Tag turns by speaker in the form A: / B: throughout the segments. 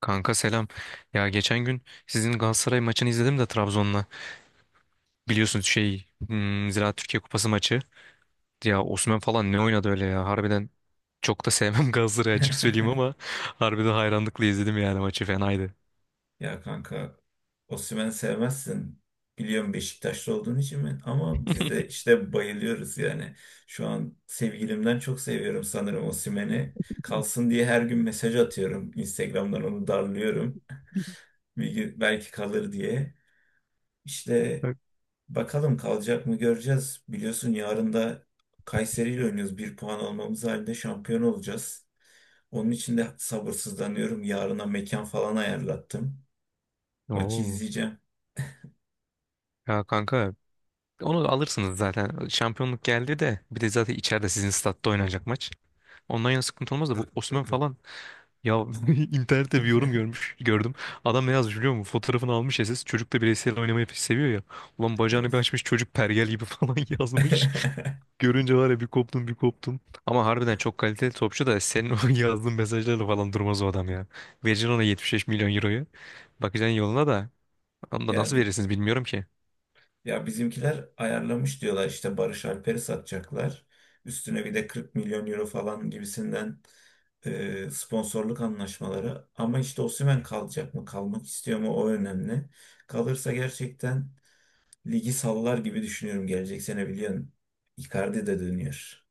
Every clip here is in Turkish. A: Kanka selam. Ya geçen gün sizin Galatasaray maçını izledim de Trabzon'la. Biliyorsunuz şey Ziraat Türkiye Kupası maçı. Ya Osimhen falan ne oynadı öyle ya. Harbiden çok da sevmem Galatasaray'ı açık söyleyeyim ama harbiden hayranlıkla izledim yani maçı fenaydı.
B: Ya kanka, Osimhen'i sevmezsin. Biliyorum, Beşiktaşlı olduğun için mi? Ama biz de işte bayılıyoruz yani. Şu an sevgilimden çok seviyorum sanırım Osimhen'i. Kalsın diye her gün mesaj atıyorum. Instagram'dan onu darlıyorum. Bir gün belki kalır diye. İşte
A: Evet.
B: bakalım kalacak mı göreceğiz. Biliyorsun, yarın da Kayseri ile oynuyoruz. Bir puan almamız halinde şampiyon olacağız. Onun için de sabırsızlanıyorum. Yarına mekan falan ayarlattım. Maçı
A: Oo.
B: izleyeceğim.
A: Ya kanka onu alırsınız zaten. Şampiyonluk geldi de bir de zaten içeride sizin statta oynanacak maç. Ondan yana sıkıntı olmaz da bu Osimhen falan Ya internette bir yorum görmüş gördüm. Adam ne yazmış biliyor musun? Fotoğrafını almış SS. Çocuk da bireysel oynamayı pek seviyor ya. Ulan bacağını bir
B: Evet.
A: açmış çocuk pergel gibi falan yazmış. Görünce var ya bir koptum bir koptum. Ama harbiden çok kaliteli topçu da senin o yazdığın mesajlarla falan durmaz o adam ya. Vereceksin ona 75 milyon euroyu. Bakacaksın yoluna da. Onu da
B: Ya
A: nasıl
B: bi-
A: verirsiniz bilmiyorum ki.
B: ya bizimkiler ayarlamış diyorlar, işte Barış Alper'i satacaklar. Üstüne bir de 40 milyon euro falan gibisinden sponsorluk anlaşmaları. Ama işte Osimhen kalacak mı, kalmak istiyor mu, o önemli. Kalırsa gerçekten ligi sallar gibi düşünüyorum gelecek sene, biliyorsun. Icardi de dönüyor.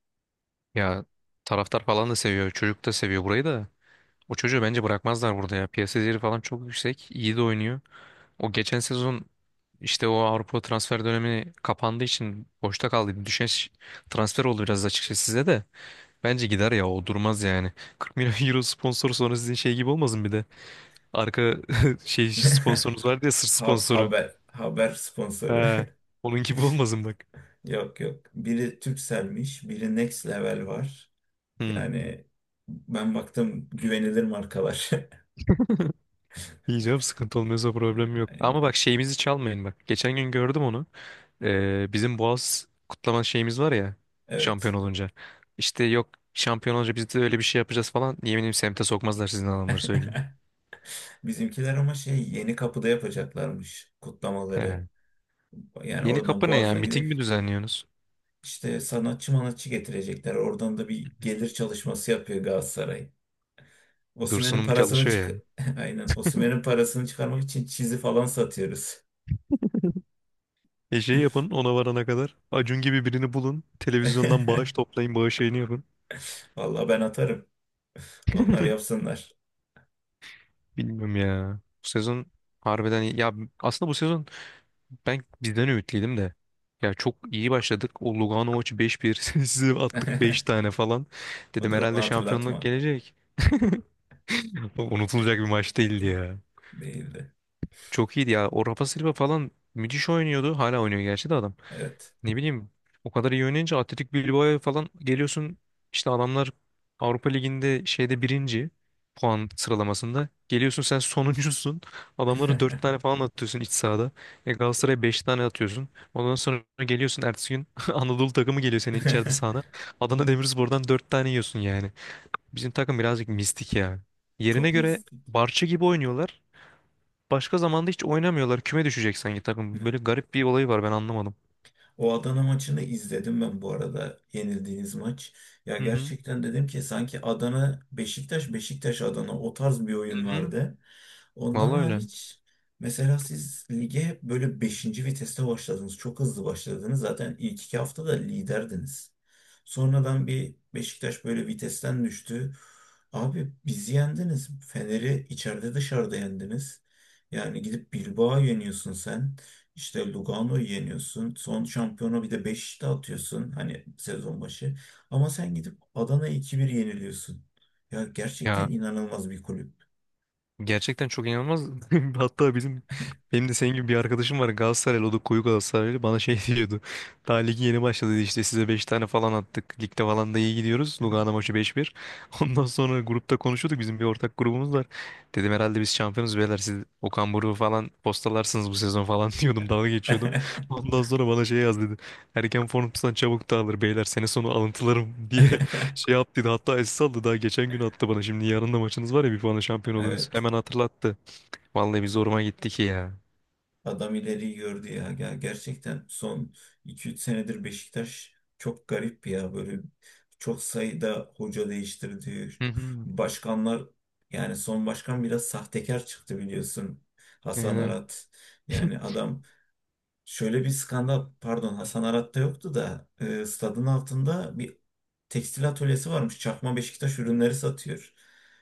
A: Ya taraftar falan da seviyor. Çocuk da seviyor burayı da. O çocuğu bence bırakmazlar burada ya. Piyasa değeri falan çok yüksek. İyi de oynuyor. O geçen sezon işte o Avrupa transfer dönemi kapandığı için boşta kaldı. Bir düşen transfer oldu biraz açıkçası size de. Bence gider ya o durmaz yani. 40 milyon euro sponsor sonra sizin şey gibi olmasın bir de. Arka şey sponsorunuz var diye sırt
B: Ha-
A: sponsoru.
B: Haber haber sponsoru.
A: He. Onun gibi olmasın bak.
B: Yok yok. Biri Turkcell'miş, biri Next Level var.
A: Hmm.
B: Yani ben baktım, güvenilir markalar.
A: Yiyeceğim sıkıntı olmuyorsa problem yok. Ama
B: Aynen.
A: bak şeyimizi çalmayın bak. Geçen gün gördüm onu. Bizim Boğaz kutlama şeyimiz var ya şampiyon
B: Evet.
A: olunca. İşte yok şampiyon olunca biz de öyle bir şey yapacağız falan. Yeminim semte sokmazlar sizin adamları söyleyeyim.
B: Bizimkiler ama şey, yeni kapıda yapacaklarmış kutlamaları.
A: Ya.
B: Yani
A: Yeni
B: oradan
A: kapı ne ya?
B: Boğaz'dan
A: Miting
B: gidip
A: mi düzenliyorsunuz?
B: işte sanatçı manatçı getirecekler. Oradan da bir gelir çalışması yapıyor Galatasaray. Osimhen'in
A: Dursun'um
B: parasını
A: çalışıyor
B: çık
A: yani.
B: Aynen. Osimhen'in parasını çıkarmak için çizi falan satıyoruz.
A: E şey yapın ona varana kadar. Acun gibi birini bulun. Televizyondan bağış toplayın. Bağış yayını yapın.
B: Vallahi ben atarım. Onlar yapsınlar.
A: Bilmiyorum ya. Bu sezon harbiden iyi. Ya aslında bu sezon Ben bizden ümitliydim de. Ya çok iyi başladık. O Lugano maçı 5-1. Size attık 5 tane falan. Dedim
B: Dur, onu
A: herhalde şampiyonluk
B: hatırlatma.
A: gelecek. Unutulacak bir maç değildi ya.
B: Değildi.
A: Çok iyiydi ya. O Rafa Silva falan müthiş oynuyordu. Hala oynuyor gerçi de adam.
B: Evet.
A: Ne bileyim o kadar iyi oynayınca Atletik Bilbao'ya falan geliyorsun işte adamlar Avrupa Ligi'nde şeyde birinci puan sıralamasında geliyorsun sen sonuncusun adamları dört tane falan atıyorsun iç sahada e Galatasaray'a beş tane atıyorsun ondan sonra geliyorsun ertesi gün Anadolu takımı geliyor senin içeride sahada Adana Demirspor'dan dört tane yiyorsun yani bizim takım birazcık mistik ya yerine
B: Çok
A: göre
B: mistik.
A: Barça gibi oynuyorlar başka zamanda hiç oynamıyorlar küme düşecek sanki takım böyle garip bir olayı var ben anlamadım.
B: O Adana maçını izledim ben bu arada. Yenildiğiniz maç. Ya
A: Hı hı.
B: gerçekten, dedim ki sanki Adana Beşiktaş, Beşiktaş Adana, o tarz bir
A: Hı
B: oyun
A: hı.
B: vardı. Ondan
A: Vallahi öyle.
B: hariç mesela siz lige böyle beşinci viteste başladınız. Çok hızlı başladınız. Zaten ilk iki haftada liderdiniz. Sonradan bir Beşiktaş böyle vitesten düştü. Abi bizi yendiniz. Fener'i içeride dışarıda yendiniz. Yani gidip Bilbao'yu yeniyorsun sen. İşte Lugano'yu yeniyorsun. Son şampiyona bir de Beşiktaş'ta atıyorsun. Hani sezon başı. Ama sen gidip Adana'ya 2-1 yeniliyorsun. Ya
A: Ya
B: gerçekten inanılmaz bir kulüp.
A: gerçekten çok inanılmaz. Hatta bizim benim de senin gibi bir arkadaşım var Galatasaraylı o da koyu Galatasaraylı bana şey diyordu. Daha ligi yeni başladı dedi, işte size 5 tane falan attık. Ligde falan da iyi gidiyoruz. Lugano maçı 5-1. Ondan sonra grupta konuşuyorduk bizim bir ortak grubumuz var. Dedim herhalde biz şampiyonuz beyler siz Okan Buruk'u falan postalarsınız bu sezon falan diyordum dalga geçiyordum. Ondan sonra bana şey yaz dedi. Erken formdan çabuk dağılır beyler sene sonu alıntılarım diye Şey yaptıydı hatta SS aldı daha geçen gün attı bana. Şimdi yarın da maçınız var ya bir puanla şampiyon olursunuz.
B: Evet,
A: Hemen hatırlattı. Vallahi bir zoruma gitti ki ya.
B: adam ileriyi gördü ya. Gerçekten son iki üç senedir Beşiktaş çok garip ya. Böyle çok sayıda hoca değiştirdi.
A: Hı hı.
B: Başkanlar, yani son başkan biraz sahtekar çıktı biliyorsun. Hasan
A: Yani,
B: Arat. Yani adam, şöyle bir skandal, pardon, Hasan Arat'ta yoktu da stadın altında bir tekstil atölyesi varmış. Çakma Beşiktaş ürünleri satıyor.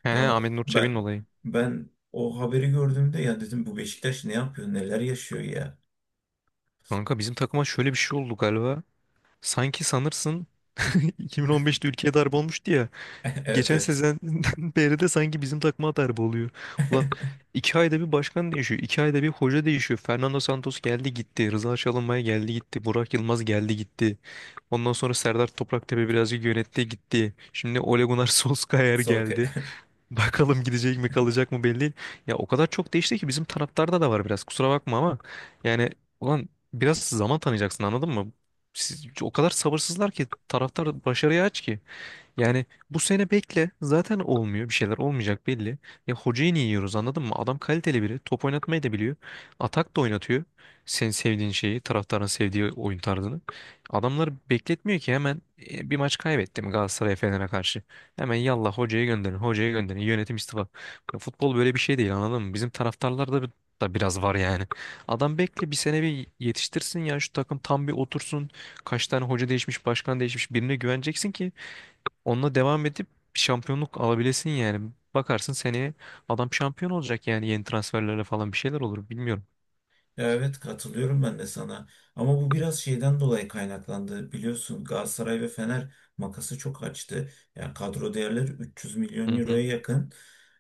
A: he he
B: Ya
A: Ahmet Nur
B: ben
A: Çebi'nin olayı.
B: ben o haberi gördüğümde ya dedim, bu Beşiktaş ne yapıyor, neler yaşıyor ya.
A: Kanka bizim takıma şöyle bir şey oldu galiba. Sanki sanırsın 2015'te ülkeye darbe olmuştu ya.
B: Evet
A: Geçen
B: evet.
A: sezenden beri de sanki bizim takıma darbe oluyor. Ulan iki ayda bir başkan değişiyor. İki ayda bir hoca değişiyor. Fernando Santos geldi gitti. Rıza Çalınbay geldi gitti. Burak Yılmaz geldi gitti. Ondan sonra Serdar Topraktepe birazcık yönetti gitti. Şimdi Ole Gunnar Solskjaer geldi.
B: Sokak
A: Bakalım gidecek mi kalacak mı belli değil. Ya o kadar çok değişti ki bizim taraftarda da var biraz. Kusura bakma ama yani ulan biraz zaman tanıyacaksın anladın mı? Siz, o kadar sabırsızlar ki taraftar başarıya aç ki. Yani bu sene bekle. Zaten olmuyor. Bir şeyler olmayacak belli. Ya hocayı niye yiyoruz anladın mı? Adam kaliteli biri. Top oynatmayı da biliyor. Atak da oynatıyor. Senin sevdiğin şeyi, taraftarın sevdiği oyun tarzını. Adamları bekletmiyor ki hemen bir maç kaybetti mi Galatasaray Fener'e karşı. Hemen yallah hocayı gönderin, hocayı gönderin. Yönetim istifa. Ya futbol böyle bir şey değil anladın mı? Bizim taraftarlarda da biraz var yani. Adam bekle bir sene bir yetiştirsin ya şu takım tam bir otursun. Kaç tane hoca değişmiş, başkan değişmiş birine güveneceksin ki Onunla devam edip bir şampiyonluk alabilesin yani. Bakarsın seneye adam şampiyon olacak yani yeni transferlerle falan bir şeyler olur bilmiyorum.
B: Ya evet, katılıyorum ben de sana. Ama bu biraz şeyden dolayı kaynaklandı. Biliyorsun Galatasaray ve Fener makası çok açtı. Yani kadro değerleri 300
A: Hı
B: milyon euroya
A: hı.
B: yakın.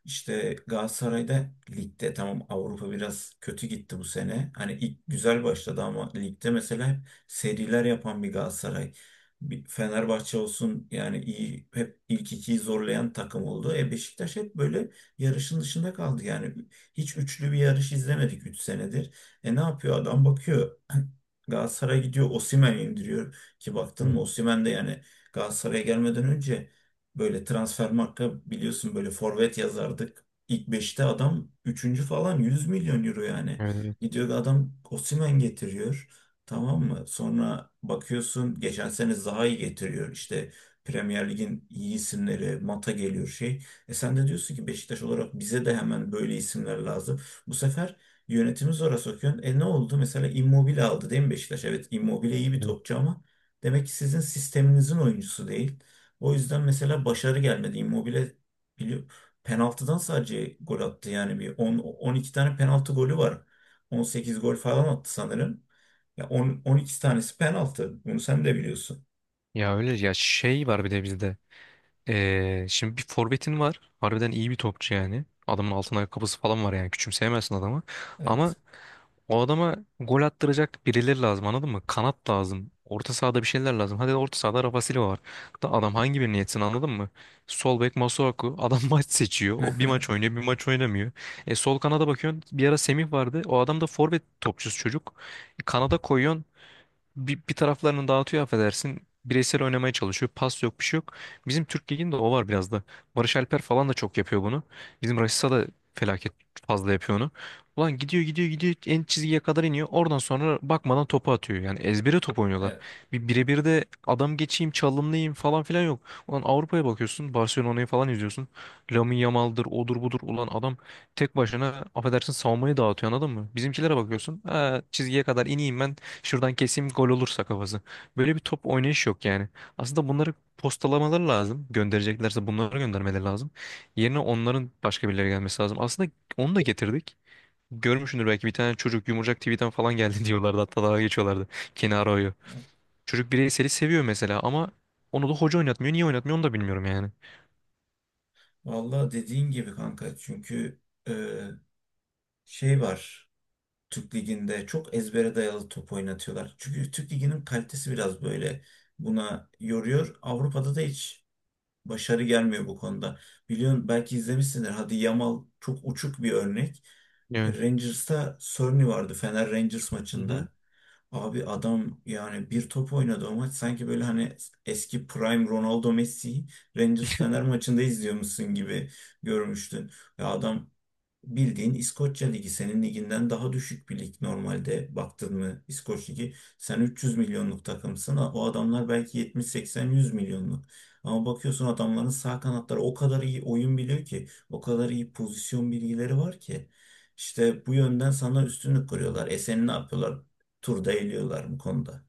B: İşte Galatasaray'da ligde tamam, Avrupa biraz kötü gitti bu sene. Hani ilk güzel başladı ama ligde mesela hep seriler yapan bir Galatasaray. Bir Fenerbahçe olsun, yani iyi, hep ilk ikiyi zorlayan takım oldu. E Beşiktaş hep böyle yarışın dışında kaldı yani. Hiç üçlü bir yarış izlemedik 3 senedir. E ne yapıyor adam, bakıyor Galatasaray'a gidiyor Osimhen'i indiriyor ki,
A: Hı
B: baktın
A: hı.
B: mı, Osimhen de yani Galatasaray'a gelmeden önce, böyle Transfermarkt'ta biliyorsun böyle forvet yazardık. İlk beşte adam üçüncü falan, 100 milyon euro yani.
A: Evet, evet,
B: Gidiyor adam Osimhen getiriyor. Tamam mı? Sonra bakıyorsun, geçen sene Zaha'yı getiriyor. İşte Premier Lig'in iyi isimleri, Mata geliyor şey. E sen de diyorsun ki Beşiktaş olarak bize de hemen böyle isimler lazım. Bu sefer yönetimi zora sokuyorsun. E ne oldu? Mesela Immobile aldı değil mi Beşiktaş? Evet, Immobile iyi bir
A: evet.
B: topçu ama demek ki sizin sisteminizin oyuncusu değil. O yüzden mesela başarı gelmedi. Immobile biliyor, penaltıdan sadece gol attı. Yani bir 10, 12 tane penaltı golü var. 18 gol falan attı sanırım. Ya 10, 12 tanesi penaltı. Bunu sen de biliyorsun.
A: Ya öyle ya şey var bir de bizde. Şimdi bir forvetin var. Harbiden iyi bir topçu yani. Adamın altın ayakkabısı falan var yani. Küçümseyemezsin adamı. Ama
B: Evet.
A: O adama gol attıracak birileri lazım anladın mı? Kanat lazım. Orta sahada bir şeyler lazım. Hadi orta sahada Rafa Silva var. Da adam hangi birini yetsin anladın mı? Sol bek Masuaku. Adam maç seçiyor. O bir maç oynuyor bir maç oynamıyor. E sol kanada bakıyorsun. Bir ara Semih vardı. O adam da forvet topçusu çocuk. Kanada koyuyorsun bir taraflarını dağıtıyor affedersin. Bireysel oynamaya çalışıyor. Pas yok bir şey yok. Bizim Türk Ligi'nde o var biraz da. Barış Alper falan da çok yapıyor bunu. Bizim Rashica da felaket fazla yapıyor onu. Ulan gidiyor gidiyor gidiyor en çizgiye kadar iniyor. Oradan sonra bakmadan topu atıyor. Yani ezbere top oynuyorlar.
B: Evet.
A: Bir birebir de adam geçeyim çalımlayayım falan filan yok. Ulan Avrupa'ya bakıyorsun. Barcelona'yı falan izliyorsun. Lamine Yamal'dır odur budur. Ulan adam tek başına affedersin savunmayı dağıtıyor anladın mı? Bizimkilere bakıyorsun. Ha, çizgiye kadar ineyim ben Şuradan keseyim gol olursa kafası. Böyle bir top oynayış yok yani. Aslında bunları postalamaları lazım. Göndereceklerse bunları göndermeleri lazım. Yerine onların başka birileri gelmesi lazım. Aslında onu da getirdik. Görmüşsündür belki bir tane çocuk Yumurcak TV'den falan geldi diyorlardı. Hatta daha geçiyorlardı. Kenaro'yu.
B: Evet.
A: Çocuk bireyseli seviyor mesela ama onu da hoca oynatmıyor. Niye oynatmıyor onu da bilmiyorum yani.
B: Vallahi dediğin gibi kanka. Çünkü e, şey var. Türk Ligi'nde çok ezbere dayalı top oynatıyorlar. Çünkü Türk Ligi'nin kalitesi biraz böyle buna yoruyor. Avrupa'da da hiç başarı gelmiyor bu konuda. Biliyorsun, belki izlemişsindir. Hadi Yamal çok uçuk bir örnek.
A: Evet.
B: Rangers'ta Sorny vardı Fener Rangers
A: Hı hı.
B: maçında. Abi adam yani bir top oynadı o maç, sanki böyle hani eski prime Ronaldo Messi Rangers Fener maçında izliyormuşsun gibi görmüştün. Ya adam, bildiğin İskoçya Ligi senin liginden daha düşük bir lig normalde, baktın mı İskoç Ligi, sen 300 milyonluk takımsın, o adamlar belki 70-80-100 milyonluk, ama bakıyorsun adamların sağ kanatları o kadar iyi oyun biliyor ki, o kadar iyi pozisyon bilgileri var ki işte bu yönden sana üstünlük kuruyorlar. E seni ne yapıyorlar, turda eliyorlar bu konuda.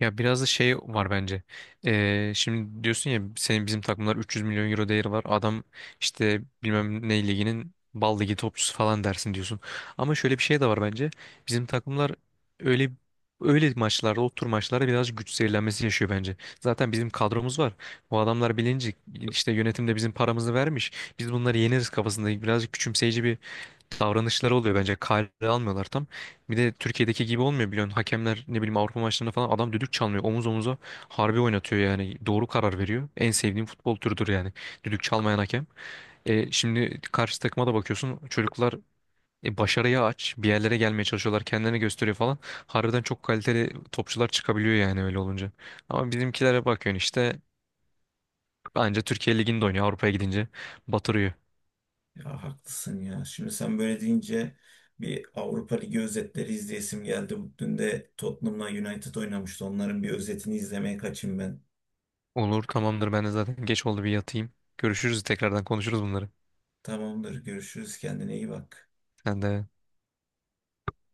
A: Ya biraz da şey var bence. Şimdi diyorsun ya senin bizim takımlar 300 milyon euro değeri var. Adam işte bilmem ne liginin bal ligi topçusu falan dersin diyorsun. Ama şöyle bir şey de var bence. Bizim takımlar öyle öyle maçlarda, o tür maçlarda biraz güç zehirlenmesi yaşıyor bence. Zaten bizim kadromuz var. Bu adamlar bilinci işte yönetimde bizim paramızı vermiş. Biz bunları yeneriz kafasında birazcık küçümseyici bir davranışları oluyor bence. Kale almıyorlar tam. Bir de Türkiye'deki gibi olmuyor biliyorsun. Hakemler ne bileyim Avrupa maçlarında falan adam düdük çalmıyor. Omuz omuza harbi oynatıyor yani. Doğru karar veriyor. En sevdiğim futbol türüdür yani. Düdük çalmayan hakem. E, şimdi karşı takıma da bakıyorsun. Çocuklar başarıya aç. Bir yerlere gelmeye çalışıyorlar. Kendilerini gösteriyor falan. Harbiden çok kaliteli topçular çıkabiliyor yani öyle olunca. Ama bizimkilere bakıyorsun işte. Anca Türkiye Ligi'nde oynuyor. Avrupa'ya gidince batırıyor.
B: Ya haklısın ya. Şimdi sen böyle deyince bir Avrupa Ligi özetleri izleyesim geldi. Dün de Tottenham'la United oynamıştı. Onların bir özetini izlemeye kaçayım ben.
A: Olur tamamdır ben de zaten geç oldu bir yatayım. Görüşürüz tekrardan konuşuruz bunları.
B: Tamamdır. Görüşürüz. Kendine iyi bak.
A: Sen de